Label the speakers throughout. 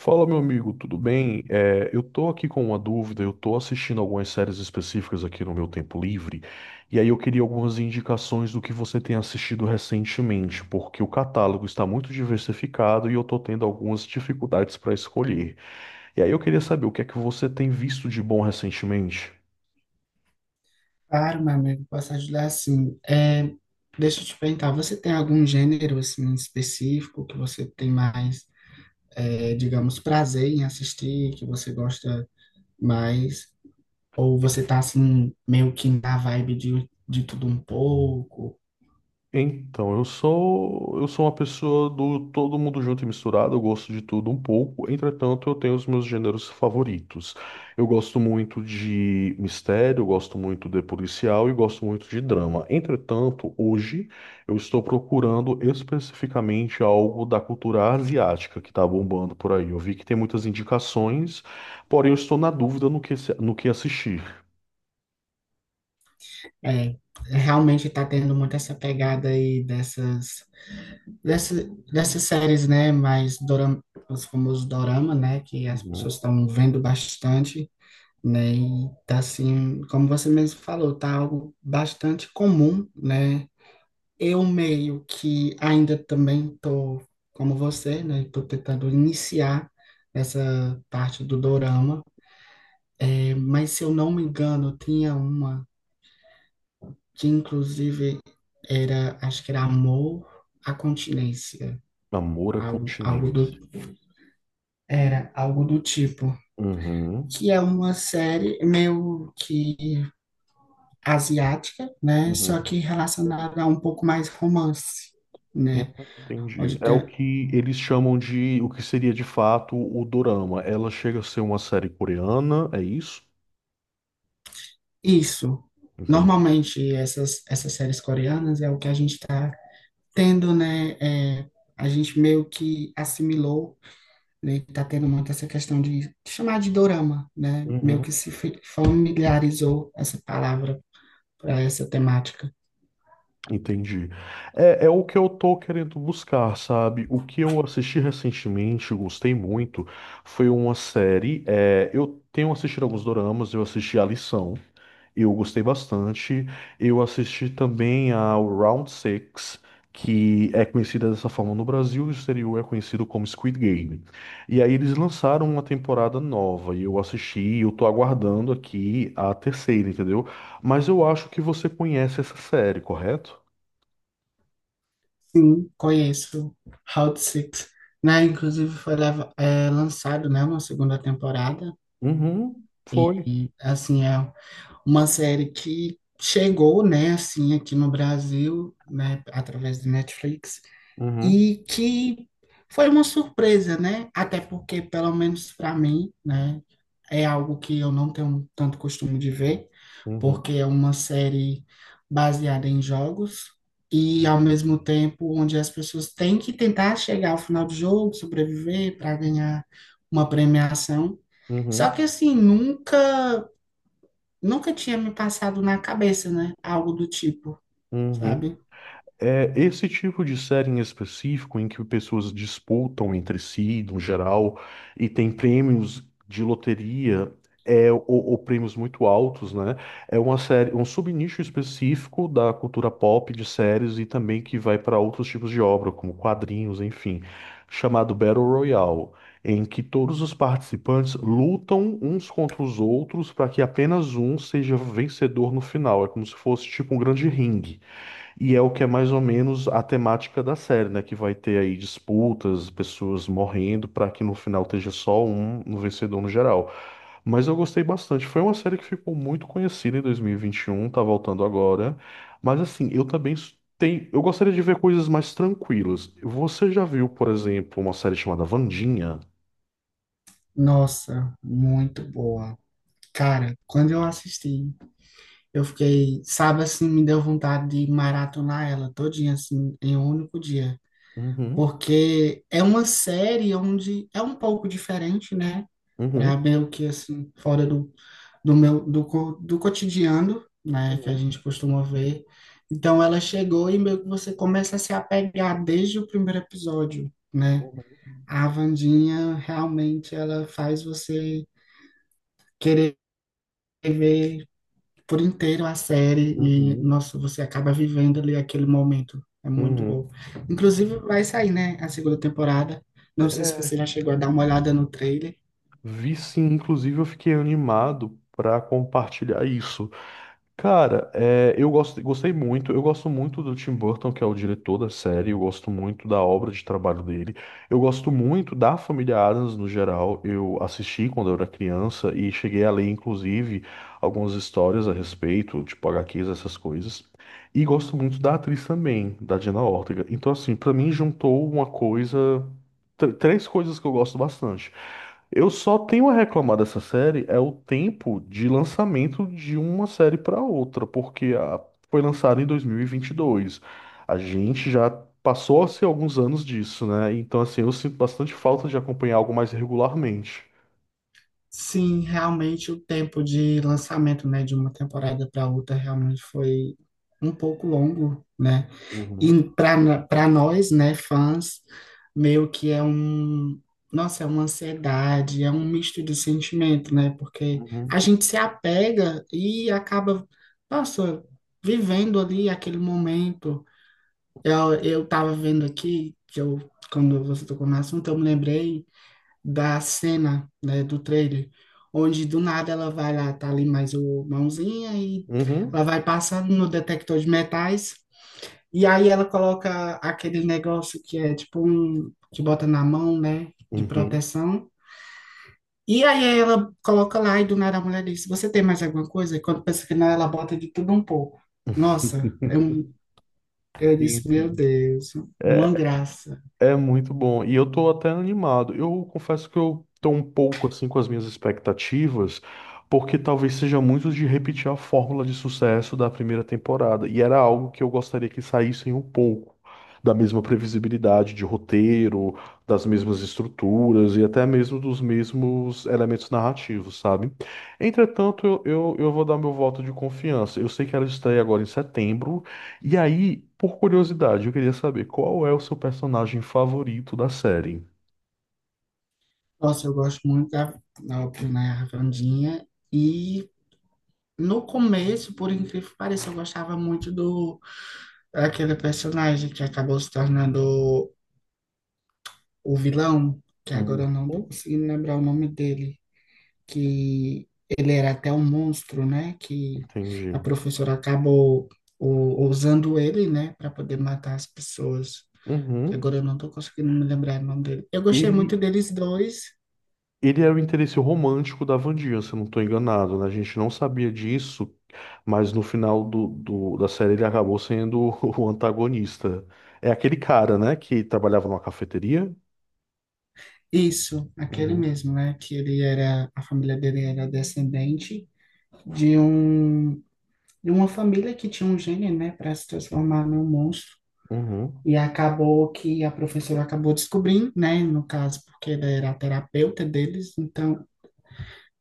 Speaker 1: Fala, meu amigo, tudo bem? Eu tô aqui com uma dúvida, eu tô assistindo algumas séries específicas aqui no meu tempo livre, e aí eu queria algumas indicações do que você tem assistido recentemente, porque o catálogo está muito diversificado e eu tô tendo algumas dificuldades para escolher. E aí eu queria saber o que é que você tem visto de bom recentemente?
Speaker 2: Claro, meu amigo, posso ajudar assim. Deixa eu te perguntar, você tem algum gênero assim específico que você tem mais, digamos, prazer em assistir, que você gosta mais? Ou você tá assim meio que na vibe de tudo um pouco?
Speaker 1: Então, eu sou uma pessoa do todo mundo junto e misturado, eu gosto de tudo um pouco, entretanto, eu tenho os meus gêneros favoritos. Eu gosto muito de mistério, eu gosto muito de policial e gosto muito de drama. Entretanto, hoje eu estou procurando especificamente algo da cultura asiática que está bombando por aí. Eu vi que tem muitas indicações, porém eu estou na dúvida no que, no que assistir.
Speaker 2: É, Realmente tá tendo muito essa pegada aí dessa, dessas séries, né? Mais dorama, os famosos dorama, né? Que as
Speaker 1: Uhum.
Speaker 2: pessoas estão vendo bastante. Né? E tá assim, como você mesmo falou, tá algo bastante comum, né? Eu meio que ainda também tô como você, né? Tô tentando iniciar essa parte do dorama, mas se eu não me engano, tinha uma que inclusive era, acho que era Amor à Continência,
Speaker 1: Amor à
Speaker 2: algo do,
Speaker 1: continência.
Speaker 2: era algo do tipo.
Speaker 1: Uhum.
Speaker 2: Que é uma série meio que asiática, né? Só
Speaker 1: Uhum.
Speaker 2: que relacionada a um pouco mais romance,
Speaker 1: Eu
Speaker 2: né?
Speaker 1: Entendi.
Speaker 2: Pode
Speaker 1: É o
Speaker 2: ter
Speaker 1: que eles chamam de o que seria de fato o dorama. Ela chega a ser uma série coreana, é isso?
Speaker 2: isso.
Speaker 1: Entendi.
Speaker 2: Normalmente essas séries coreanas é o que a gente está tendo, né? É, a gente meio que assimilou, né? Tá tendo muito essa questão de chamar de dorama, né? Meio que
Speaker 1: Uhum.
Speaker 2: se familiarizou essa palavra para essa temática.
Speaker 1: Entendi. É o que eu tô querendo buscar, sabe? O que eu assisti recentemente, gostei muito, foi uma série. Eu tenho assistido alguns doramas, eu assisti A Lição. Eu gostei bastante. Eu assisti também ao Round Six, que é conhecida dessa forma no Brasil e no exterior é conhecido como Squid Game. E aí eles lançaram uma temporada nova e eu assisti, e eu tô aguardando aqui a terceira, entendeu? Mas eu acho que você conhece essa série, correto?
Speaker 2: Sim, conheço Hot Six, né? Inclusive foi lançado, né, uma segunda temporada.
Speaker 1: Uhum, foi.
Speaker 2: E, assim, é uma série que chegou, né, assim, aqui no Brasil, né, através do Netflix,
Speaker 1: Uhum,
Speaker 2: e que foi uma surpresa, né? Até porque, pelo menos para mim, né, é algo que eu não tenho tanto costume de ver,
Speaker 1: uhum,
Speaker 2: porque é uma série baseada em jogos e, ao
Speaker 1: uhum,
Speaker 2: mesmo tempo, onde as pessoas têm que tentar chegar ao final do jogo, sobreviver para ganhar uma premiação. Só
Speaker 1: uhum,
Speaker 2: que assim, nunca tinha me passado na cabeça, né? Algo do tipo,
Speaker 1: uhum.
Speaker 2: sabe?
Speaker 1: É esse tipo de série em específico, em que pessoas disputam entre si, no geral, e tem prêmios de loteria, ou prêmios muito altos, né? É uma série, um subnicho específico da cultura pop de séries e também que vai para outros tipos de obra, como quadrinhos, enfim, chamado Battle Royale, em que todos os participantes lutam uns contra os outros para que apenas um seja vencedor no final. É como se fosse tipo um grande ringue. E é o que é mais ou menos a temática da série, né? Que vai ter aí disputas, pessoas morrendo, para que no final esteja só um no vencedor no geral. Mas eu gostei bastante. Foi uma série que ficou muito conhecida em 2021, tá voltando agora. Mas assim, eu também tenho. Eu gostaria de ver coisas mais tranquilas. Você já viu, por exemplo, uma série chamada Wandinha?
Speaker 2: Nossa, muito boa. Cara, quando eu assisti, eu fiquei, sabe assim, me deu vontade de maratonar ela todinha assim em um único dia,
Speaker 1: Uhum,
Speaker 2: porque é uma série onde é um pouco diferente, né? Pra
Speaker 1: uhum,
Speaker 2: meio que assim, fora do, do meu do, co- do cotidiano, né, que a
Speaker 1: uhum,
Speaker 2: gente costuma ver. Então ela chegou e meio que você começa a se apegar desde o primeiro episódio, né?
Speaker 1: uhum,
Speaker 2: A Wandinha realmente ela faz você querer ver por inteiro a série e,
Speaker 1: uhum,
Speaker 2: nossa, você acaba vivendo ali aquele momento. É muito
Speaker 1: uhum.
Speaker 2: bom. Inclusive, vai sair, né, a segunda temporada. Não sei se você já chegou a dar uma olhada no trailer.
Speaker 1: Vi sim, inclusive eu fiquei animado para compartilhar isso. Cara, gostei muito. Eu gosto muito do Tim Burton, que é o diretor da série. Eu gosto muito da obra de trabalho dele. Eu gosto muito da família Adams no geral. Eu assisti quando eu era criança e cheguei a ler, inclusive, algumas histórias a respeito, tipo HQs, essas coisas. E gosto muito da atriz também, da Jenna Ortega. Então, assim, pra mim juntou uma coisa, três coisas que eu gosto bastante. Eu só tenho a reclamar dessa série é o tempo de lançamento de uma série para outra, porque foi lançada em dois mil e vinte e dois. A gente já passou a ser alguns anos disso, né? Então, assim, eu sinto bastante falta de acompanhar algo mais regularmente.
Speaker 2: Sim, realmente o tempo de lançamento, né, de uma temporada para outra realmente foi um pouco longo, né?
Speaker 1: Uhum,
Speaker 2: E para nós, né, fãs, meio que é um, nossa, é uma ansiedade, é um misto de sentimento, né? Porque a
Speaker 1: uhum,
Speaker 2: gente se apega e acaba, nossa, vivendo ali aquele momento. Eu tava vendo aqui que eu quando você tocou no assunto, eu me lembrei da cena, né, do trailer, onde do nada ela vai lá, tá ali mais o mãozinha e ela
Speaker 1: uhum,
Speaker 2: vai passando no detector de metais e aí ela coloca aquele negócio que é tipo um que bota na mão, né, de
Speaker 1: uhum.
Speaker 2: proteção. E aí ela coloca lá e do nada a mulher diz: "Você tem mais alguma coisa?" E quando pensa que não, ela bota de tudo um pouco. Nossa, eu, eu
Speaker 1: Sim,
Speaker 2: disse, meu
Speaker 1: sim.
Speaker 2: Deus, uma graça.
Speaker 1: É muito bom. E eu tô até animado. Eu confesso que eu tô um pouco assim com as minhas expectativas, porque talvez seja muito de repetir a fórmula de sucesso da primeira temporada. E era algo que eu gostaria que saíssem um pouco da mesma previsibilidade de roteiro, das mesmas estruturas e até mesmo dos mesmos elementos narrativos, sabe? Entretanto, eu vou dar meu voto de confiança. Eu sei que ela estreia agora em setembro. E aí, por curiosidade, eu queria saber qual é o seu personagem favorito da série?
Speaker 2: Nossa, eu gosto muito da, óbvio, né, Wandinha. E no começo, por incrível que pareça, eu gostava muito do daquele personagem que acabou se tornando o vilão, que agora
Speaker 1: Uhum.
Speaker 2: eu não tô conseguindo lembrar o nome dele, que ele era até um monstro, né? Que
Speaker 1: Entendi.
Speaker 2: a professora acabou usando ele, né, para poder matar as pessoas. Que
Speaker 1: Uhum.
Speaker 2: agora eu não tô conseguindo me lembrar o nome dele. Eu gostei
Speaker 1: Ele,
Speaker 2: muito deles dois.
Speaker 1: ele era o interesse romântico da Wandinha, se eu não estou enganado, né? A gente não sabia disso, mas no final da série ele acabou sendo o antagonista. É aquele cara, né, que trabalhava numa cafeteria?
Speaker 2: Isso, aquele
Speaker 1: Uhum.
Speaker 2: mesmo, né? Que ele era, a família dele era descendente de um de uma família que tinha um gene, né, para se transformar num monstro.
Speaker 1: Uhum.
Speaker 2: E acabou que a professora acabou descobrindo, né, no caso, porque ela era a terapeuta deles, então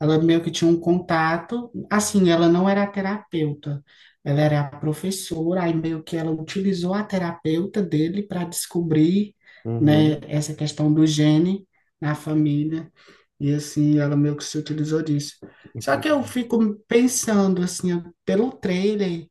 Speaker 2: ela meio que tinha um contato. Assim, ela não era a terapeuta, ela era a professora, aí meio que ela utilizou a terapeuta dele para descobrir, né,
Speaker 1: Uhum.
Speaker 2: essa questão do gene na família. E assim, ela meio que se utilizou disso. Só que eu
Speaker 1: Entendi.
Speaker 2: fico pensando, assim, pelo trailer.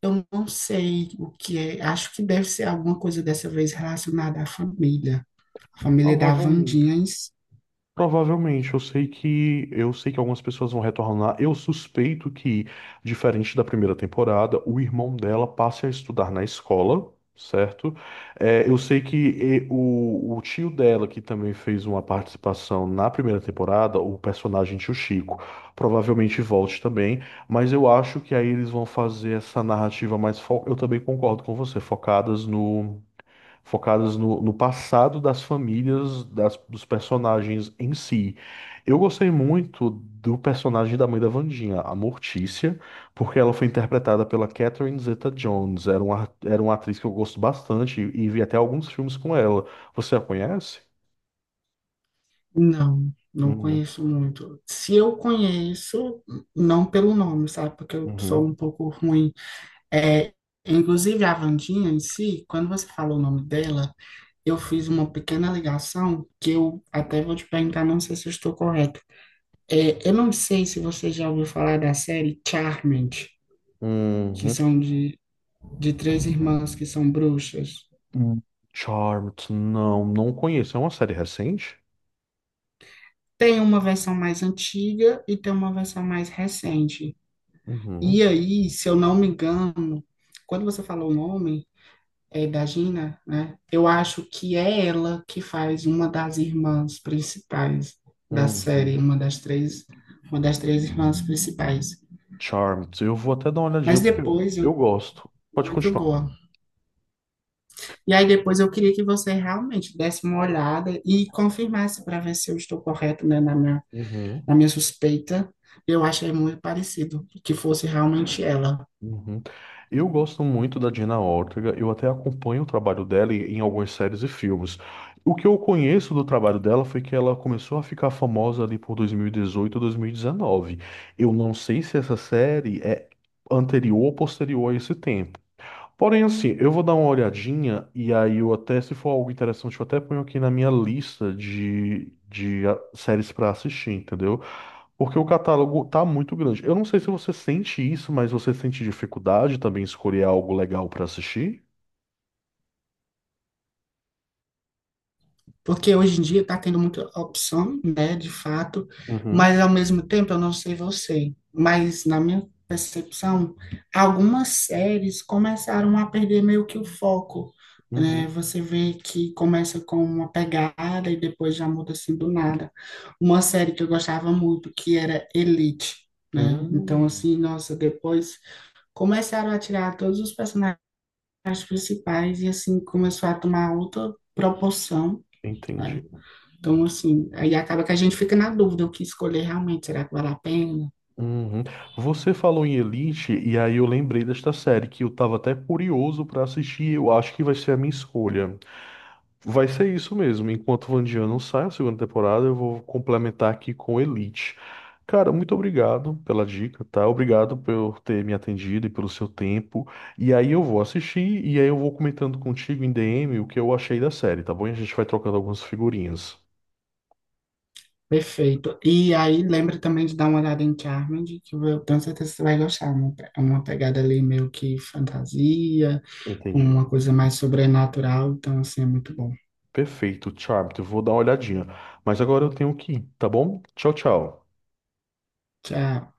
Speaker 2: Eu não sei o que é, acho que deve ser alguma coisa dessa vez relacionada à família. A família da
Speaker 1: Provavelmente.
Speaker 2: Wandinha em si.
Speaker 1: Provavelmente, eu sei que algumas pessoas vão retornar. Eu suspeito que, diferente da primeira temporada, o irmão dela passe a estudar na escola, certo? Eu sei que o tio dela, que também fez uma participação na primeira temporada, o personagem tio Chico, provavelmente volte também, mas eu acho que aí eles vão fazer essa narrativa mais Eu também concordo com você, focadas no passado das famílias, dos personagens em si. Eu gostei muito do personagem da mãe da Wandinha, a Mortícia, porque ela foi interpretada pela Catherine Zeta-Jones. Era uma atriz que eu gosto bastante e vi até alguns filmes com ela. Você a conhece?
Speaker 2: Não, não
Speaker 1: Uhum,
Speaker 2: conheço muito. Se eu conheço, não pelo nome, sabe? Porque eu sou
Speaker 1: uhum,
Speaker 2: um pouco ruim. É, inclusive, a Wandinha em si, quando você falou o nome dela, eu fiz uma pequena ligação que eu até vou te perguntar, não sei se eu estou correto. É, eu não sei se você já ouviu falar da série Charmed, que
Speaker 1: uhum.
Speaker 2: são de três irmãs que são bruxas.
Speaker 1: Hum, Charmed, não, não conheço. É uma série recente?
Speaker 2: Tem uma versão mais antiga e tem uma versão mais recente. E
Speaker 1: Uhum,
Speaker 2: aí, se eu não me engano, quando você falou o nome da Gina, né? Eu acho que é ela que faz uma das irmãs principais da série,
Speaker 1: uhum.
Speaker 2: uma das três irmãs principais.
Speaker 1: Charmed, eu vou até dar uma olhadinha
Speaker 2: Mas
Speaker 1: porque
Speaker 2: depois
Speaker 1: eu
Speaker 2: eu
Speaker 1: gosto. Pode
Speaker 2: muito
Speaker 1: continuar.
Speaker 2: boa. E aí depois eu queria que você realmente desse uma olhada e confirmasse para ver se eu estou correto, né, na minha
Speaker 1: Uhum,
Speaker 2: a minha suspeita, eu achei muito parecido, que fosse realmente ela.
Speaker 1: uhum. Eu gosto muito da Dina Ortega, eu até acompanho o trabalho dela em algumas séries e filmes. O que eu conheço do trabalho dela foi que ela começou a ficar famosa ali por 2018, 2019. Eu não sei se essa série é anterior ou posterior a esse tempo. Porém, assim, eu vou dar uma olhadinha e aí eu até, se for algo interessante, eu até ponho aqui na minha lista de séries para assistir, entendeu? Porque o catálogo tá muito grande. Eu não sei se você sente isso, mas você sente dificuldade também em escolher algo legal pra assistir?
Speaker 2: Porque hoje em dia está tendo muita opção, né, de fato, mas
Speaker 1: Uhum,
Speaker 2: ao mesmo tempo, eu não sei você, mas na minha percepção, algumas séries começaram a perder meio que o foco, né?
Speaker 1: uhum.
Speaker 2: Você vê que começa com uma pegada e depois já muda assim do nada. Uma série que eu gostava muito, que era Elite, né? Então,
Speaker 1: Hum,
Speaker 2: assim, nossa, depois começaram a tirar todos os personagens as principais e assim começou a tomar outra proporção.
Speaker 1: entendi.
Speaker 2: Né? Então, assim, aí acaba que a gente fica na dúvida o que escolher realmente, será que vale a pena?
Speaker 1: Uhum. Você falou em Elite, e aí eu lembrei desta série que eu tava até curioso pra assistir. Eu acho que vai ser a minha escolha. Vai ser isso mesmo. Enquanto Vandian não sai a segunda temporada, eu vou complementar aqui com Elite. Cara, muito obrigado pela dica, tá? Obrigado por ter me atendido e pelo seu tempo. E aí eu vou assistir e aí eu vou comentando contigo em DM o que eu achei da série, tá bom? E a gente vai trocando algumas figurinhas.
Speaker 2: Perfeito. E aí lembra também de dar uma olhada em Charmed, que eu tenho certeza que você vai gostar. É uma pegada ali meio que fantasia, com
Speaker 1: Entendi.
Speaker 2: uma coisa mais sobrenatural, então assim é muito bom.
Speaker 1: Perfeito, Charmed. Eu vou dar uma olhadinha. Mas agora eu tenho que ir, tá bom? Tchau, tchau.
Speaker 2: Tchau.